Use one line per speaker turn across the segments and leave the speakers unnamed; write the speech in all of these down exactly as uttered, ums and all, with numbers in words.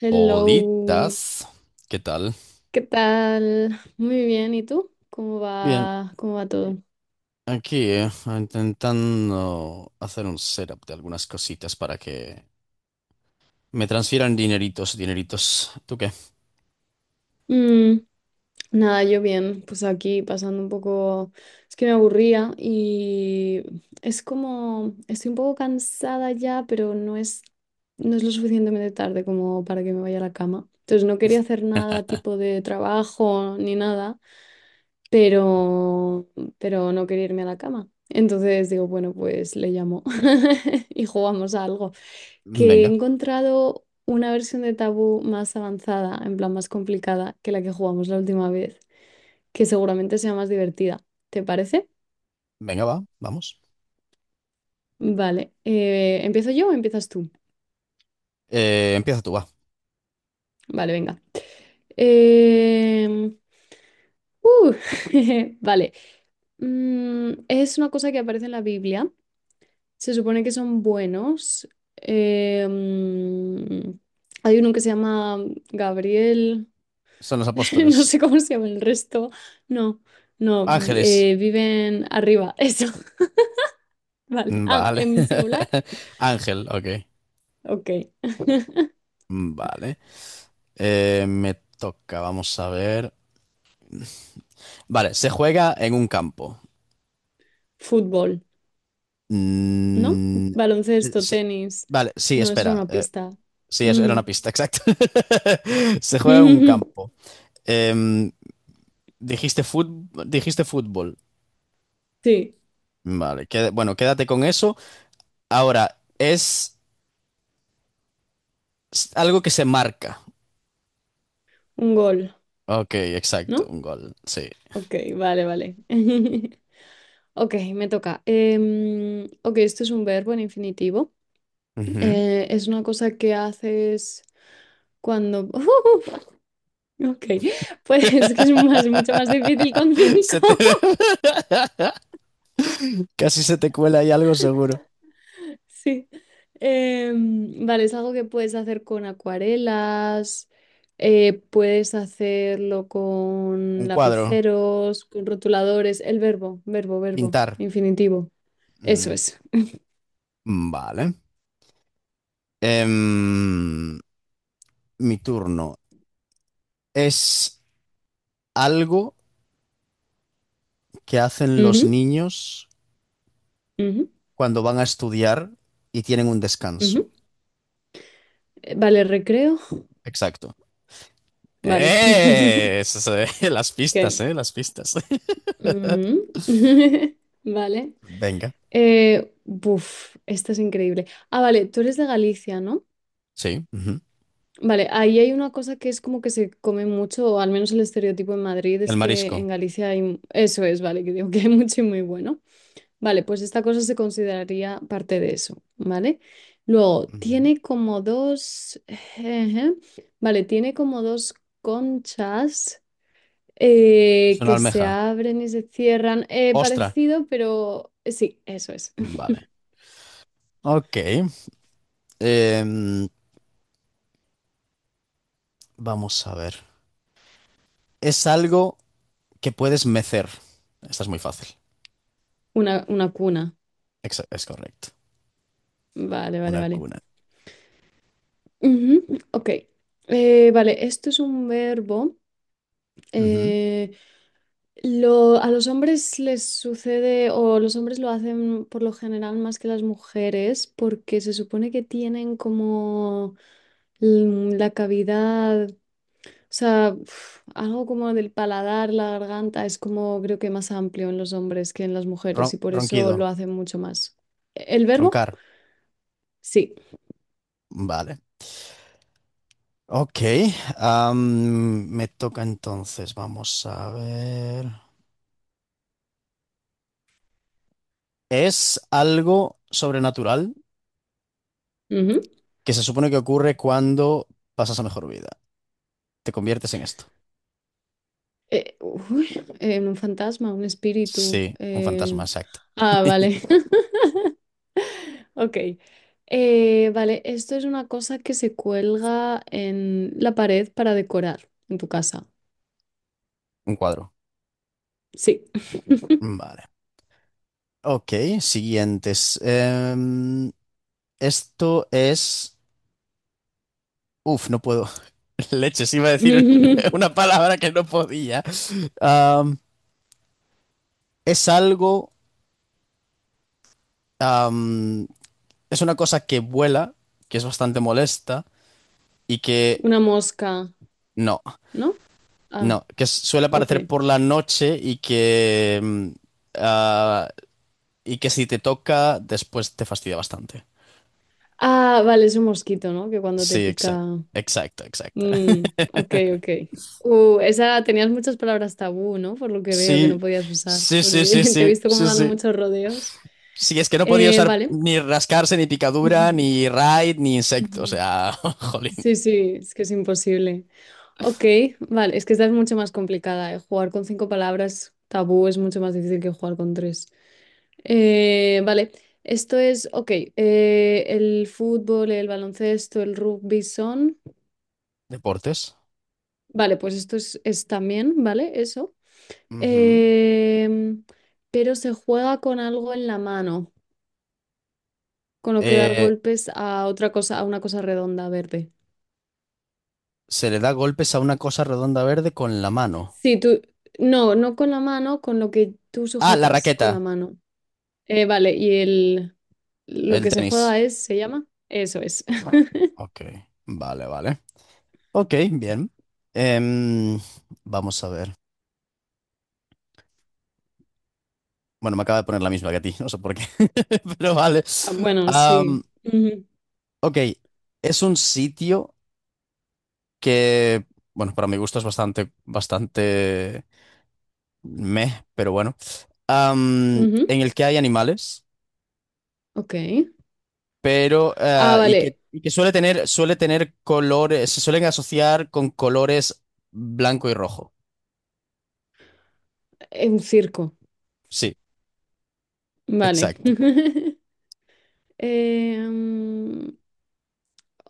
Hello,
Olitas, ¿qué tal?
¿qué tal? Muy bien, ¿y tú? ¿Cómo
Bien,
va, cómo va todo?
aquí eh, intentando hacer un setup de algunas cositas para que me transfieran dineritos, dineritos. ¿Tú qué?
Mm, nada, yo bien, pues aquí pasando un poco, es que me aburría y es como, estoy un poco cansada ya, pero no es, no es lo suficientemente tarde como para que me vaya a la cama. Entonces no quería hacer nada tipo de trabajo ni nada, pero, pero no quería irme a la cama. Entonces digo, bueno, pues le llamo y jugamos a algo. Que he
Venga,
encontrado una versión de Tabú más avanzada, en plan más complicada que la que jugamos la última vez, que seguramente sea más divertida. ¿Te parece?
venga, va, vamos.
Vale. Eh, ¿empiezo yo o empiezas tú?
Eh, empieza tú, va.
Vale, venga. Em, uh, vale. Mm, es una cosa que aparece en la Biblia. Se supone que son buenos. Em, hay uno que se llama Gabriel.
Son los
No sé
apóstoles.
cómo se llama el resto. No, no,
Ángeles.
eh, viven arriba, eso. Vale.
Mm,
Ah,
vale.
en singular.
Ángel, ok.
Ok.
Mm, vale. Eh, me toca, vamos a ver. Vale, se juega en un campo.
Fútbol, ¿no?
Mm, eh,
Baloncesto,
se-
tenis.
vale, sí,
No, es
espera.
una
Eh,
pista.
Sí, es- era
Mm.
una pista, exacto. Se juega en un campo. Em, Dijiste fútbol, dijiste fútbol.
Sí,
Vale, queda- bueno, quédate con eso. Ahora, es s- algo que se marca.
un gol,
Ok, exacto,
¿no?
un gol, sí.
Ok, vale, vale. Ok, me toca. Em, ok, esto es un verbo en infinitivo.
Ujú.
Eh, es una cosa que haces cuando... Ok, pues es que es más, mucho más difícil con cinco.
Se te... Casi se te cuela ahí algo seguro.
Sí. Em, vale, es algo que puedes hacer con acuarelas, eh, puedes hacerlo con
Un cuadro,
lapiceros, con rotuladores, el verbo, verbo, verbo,
pintar.
infinitivo. Eso
Mm,
es.
vale. Em, Mi turno. Es algo que hacen los
Ujú,
niños
ujú,
cuando van a estudiar y tienen un descanso.
ujú. Eh, Vale, recreo.
Exacto.
Vale.
¡Eh! Esas, eh, las pistas,
Ok.
¿eh? Las pistas.
Mm. Vale.
Venga.
Eh, buf, esta es increíble. Ah, vale, tú eres de Galicia, ¿no?
Sí, ujú.
Vale, ahí hay una cosa que es como que se come mucho, o al menos el estereotipo en Madrid
El
es que en
marisco.
Galicia hay... mu- Eso es, vale, que digo que hay mucho y muy bueno. Vale, pues esta cosa se consideraría parte de eso, ¿vale? Luego,
Ujú.
tiene como dos... ejé, vale, tiene como dos conchas
Es
eh,
una
que se
almeja.
abren y se cierran. Eh,
Ostra.
parecido, pero... eh, Sí, eso es.
Vale. Ok. Em, Vamos a ver. Es algo que puedes mecer. Esta es muy fácil.
Una, una cuna.
Exa- es correcto.
Vale, vale,
Una
vale.
cuna.
Ujú, ok. Eh, vale, esto es un verbo.
Ujú.
Eh, lo- a los hombres les sucede, o los hombres lo hacen por lo general más que las mujeres, porque se supone que tienen como mm, la cavidad, o sea, uf, algo como del paladar, la garganta, es como creo que más amplio en los hombres que en las mujeres,
Ron-
y por eso lo
ronquido.
hacen mucho más. ¿El verbo?
Roncar.
Sí.
Vale. Ok, am, me toca entonces, vamos a ver. Es algo sobrenatural
Ujú.
que se supone que ocurre cuando pasas a mejor vida. Te conviertes en esto.
Eh, uy, eh, un fantasma, un
Sí,
espíritu.
un fantasma,
eh,
exacto.
Ah, vale. Ok. Eh, vale, esto es una cosa que se cuelga en la pared para decorar en tu casa.
Un cuadro.
Sí.
Vale. Ok, siguientes. Em, esto es... uf, no puedo. Leches, iba a decir una palabra que no podía. Am, es algo... am, es una cosa que vuela, que es bastante molesta y que
Una mosca,
no,
¿no? Ah,
no, que suele
ok.
aparecer por la noche y que mm, ah, y que si te toca después te fastidia bastante.
Ah, vale, es un mosquito, ¿no? Que cuando te
Sí, exacto,
pica...
exacto, exacto.
Mm, ok, ok. Uh, esa tenías muchas palabras tabú, ¿no? Por lo que veo que no
Sí,
podías usar,
sí, sí, sí,
porque te he
sí,
visto como
sí,
dando
sí.
muchos rodeos.
Sí, es que no podía
Eh,
usar
vale.
ni rascarse, ni picadura,
Ujú,
ni raid, ni insecto. O
ujú.
sea, jolín.
Sí, sí, es que es imposible. Ok, vale, es que esta es mucho más complicada. eh. Jugar con cinco palabras tabú es mucho más difícil que jugar con tres. Eh, vale, esto es, ok, eh, el fútbol, el baloncesto, el rugby son...
Deportes.
Vale, pues esto es, es también, ¿vale? Eso.
Ujú.
Em, pero se juega con algo en la mano, con lo que dar
Eh,
golpes a otra cosa, a una cosa redonda verde.
se le da golpes a una cosa redonda verde con la mano.
Sí, tú, no, no con la mano, con lo que tú
Ah, la
sujetas
raqueta.
con la mano. Eh, vale, y el, lo
El
que se
tenis.
juega es, ¿se llama? Eso es.
Ok. Vale, vale. Ok, bien. Em, Vamos a ver. Bueno, me acaba de poner la misma que a ti, no sé por qué, pero vale.
Ah, bueno,
Am,
sí. Ujú,
ok, es un sitio que, bueno, para mi gusto es bastante, bastante meh, pero bueno. Am,
ujú.
en el que hay animales,
Ok.
pero,
Ah,
eh, y que,
vale,
y que suele tener, suele tener colores, se suelen asociar con colores blanco y rojo.
eh, un circo.
Sí,
Vale.
exacto.
Eh, mm,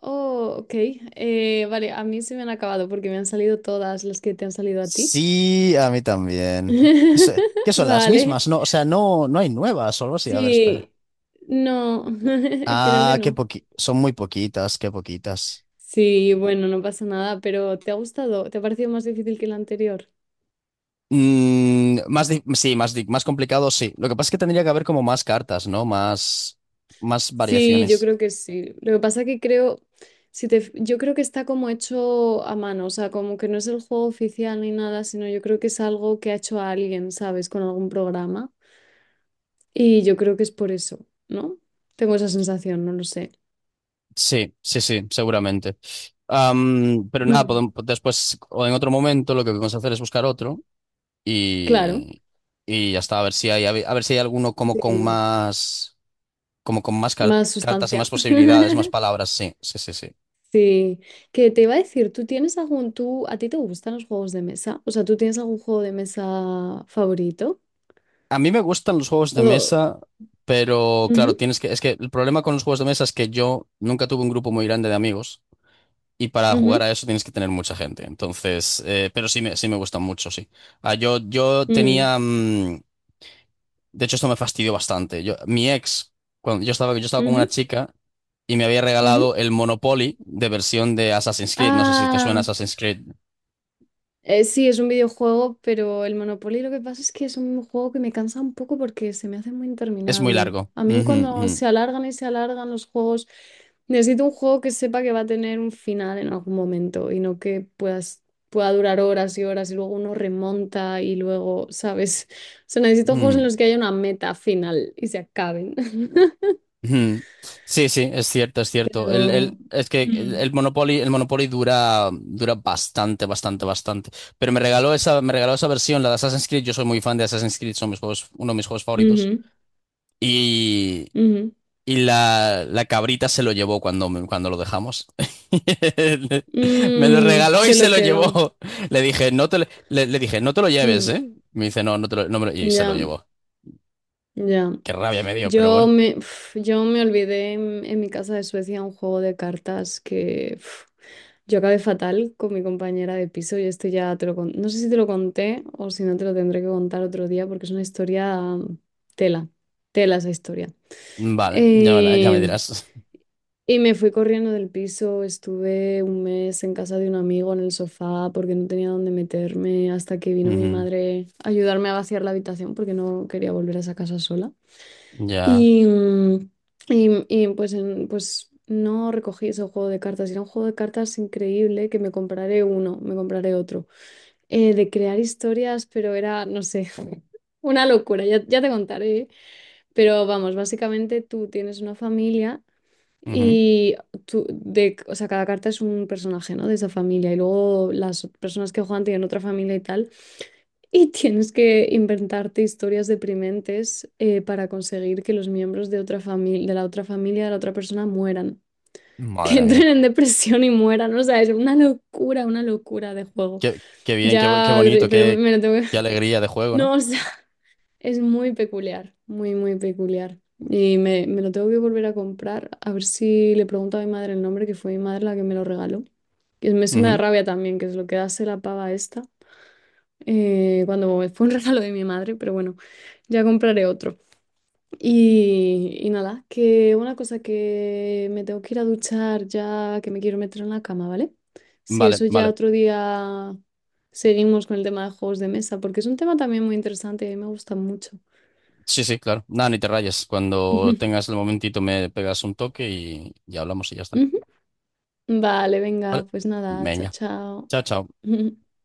oh, ok. Eh, vale, a mí se me han acabado porque me han salido todas las que te han salido a ti.
Sí, a mí también. Se- ¿Qué son las
Vale.
mismas? No, o sea, no, no hay nuevas o algo así. A ver, espera.
Sí. No, creo que
Ah, qué
no.
poqui... son muy poquitas, qué poquitas.
Sí, bueno, no pasa nada, pero ¿te ha gustado? ¿Te ha parecido más difícil que el anterior?
Mm, más di- sí, más, di- más complicado, sí. Lo que pasa es que tendría que haber como más cartas, ¿no? Más, más
Sí, yo
variaciones.
creo que sí. Lo que pasa que creo, si te, fi- yo creo que está como hecho a mano, o sea, como que no es el juego oficial ni nada, sino yo creo que es algo que ha hecho a alguien, ¿sabes? Con algún programa. Y yo creo que es por eso, ¿no? Tengo esa sensación, no lo sé.
Sí, sí, sí, seguramente. Am, pero nada,
Mm.
podem- después o en otro momento lo que podemos hacer es buscar otro
Claro,
y, y ya está, a ver si hay, a ver, a ver si hay alguno como con
sí.
más. Como con más car-
Más
cartas y más
sustancia.
posibilidades, más palabras, sí, sí, sí, sí.
Sí, que te iba a decir, ¿tú tienes algún, tú, a ti te gustan los juegos de mesa? O sea, ¿tú tienes algún juego de mesa favorito?
A mí me gustan los juegos de
O-
mesa, pero claro,
Ujú,
tienes que, es que el problema con los juegos de mesa es que yo nunca tuve un grupo muy grande de amigos y para jugar
ujú,
a eso tienes que tener mucha gente. Entonces, eh, pero sí me, sí me gustan mucho, sí. Ah, yo, yo
mm,
tenía, mm, de hecho esto me fastidió bastante. Yo, mi ex, cuando yo estaba, yo estaba con una
ujú,
chica y me había
ujú.
regalado el Monopoly de versión de Assassin's Creed. No sé si te suena
Ah,
Assassin's Creed.
Eh, sí, es un videojuego, pero el Monopoly lo que pasa es que es un juego que me cansa un poco porque se me hace muy
Es muy
interminable.
largo.
A mí cuando
Ujú,
se alargan y se alargan los juegos, necesito un juego que sepa que va a tener un final en algún momento y no que puedas, pueda durar horas y horas y luego uno remonta y luego, ¿sabes? O sea, necesito
ujú,
juegos en
ujú.
los que haya una meta final y se acaben.
Ujú. Sí, sí, es cierto, es cierto. El,
Pero...
el- es que el,
mm,
el Monopoly, el Monopoly dura, dura bastante, bastante, bastante. Pero me regaló esa, me regaló esa versión, la de Assassin's Creed. Yo soy muy fan de Assassin's Creed, son mis juegos, uno de mis juegos favoritos.
Ujú,
Y,
ujú.
y la, la cabrita se lo llevó cuando, me- cuando lo dejamos. Me lo
Mm,
regaló y
se
se
lo
lo
quedó.
llevó. Le dije, no te, lo- le, le dije, no te lo lleves,
Mm,
¿eh? Me dice, no, no te lo, no me lo-". Y se lo
ya,
llevó.
ya.
Qué rabia me dio, pero
Yo
bueno.
me, uf, yo me olvidé en, en mi casa de Suecia un juego de cartas que uf, yo acabé fatal con mi compañera de piso y esto ya te lo con- no sé si te lo conté o si no te lo tendré que contar otro día porque es una historia mm, tela, tela esa historia.
Vale, ya me, la- ya me
Eh,
dirás.
y me fui corriendo del piso, estuve un mes en casa de un amigo en el sofá porque no tenía dónde meterme hasta que vino mi
Ujú.
madre a ayudarme a vaciar la habitación porque no quería volver a esa casa sola.
Ya.
Y, mm, y- y, pues, en- pues no recogí ese juego de cartas. Era un juego de cartas increíble que me compraré uno, me compraré otro. Eh, de crear historias, pero era, no sé, una locura, ya, ya te contaré. Pero vamos, básicamente tú tienes una familia
Ujú.
y tú, de, o sea, cada carta es un personaje, ¿no? De esa familia. Y luego las personas que juegan tienen otra familia y tal. Y tienes que inventarte historias deprimentes eh, para conseguir que los miembros de otra familia, de la otra familia de la otra persona mueran. Que
Madre mía.
entren en depresión y mueran. O sea, es una locura, una locura de juego.
Qué, qué bien, qué, bu- qué
Ya,
bonito,
pero
qué,
me lo tengo
qué
que...
alegría de juego, ¿no?
No, o sea, es muy peculiar, muy, muy peculiar. Y me, me lo tengo que volver a comprar. A ver si le pregunto a mi madre el nombre, que fue mi madre la que me lo regaló. Que me- eso me da
Ujú.
rabia también, que es lo que hace la pava esta. Eh, cuando fue un regalo de mi madre, pero bueno, ya compraré otro. Y, y nada, que una cosa que me tengo que ir a duchar ya, que me quiero meter en la cama, ¿vale? Sí,
Vale,
eso ya
vale.
otro día seguimos con el tema de juegos de mesa, porque es un tema también muy interesante y a mí me gusta mucho.
Sí, sí, claro. Nada, ni te rayes. Cuando tengas el momentito me pegas un toque y, y hablamos y ya está.
Ujú. Vale,
Vale.
venga, pues nada, chao,
Venga.
chao.
Chao, chao.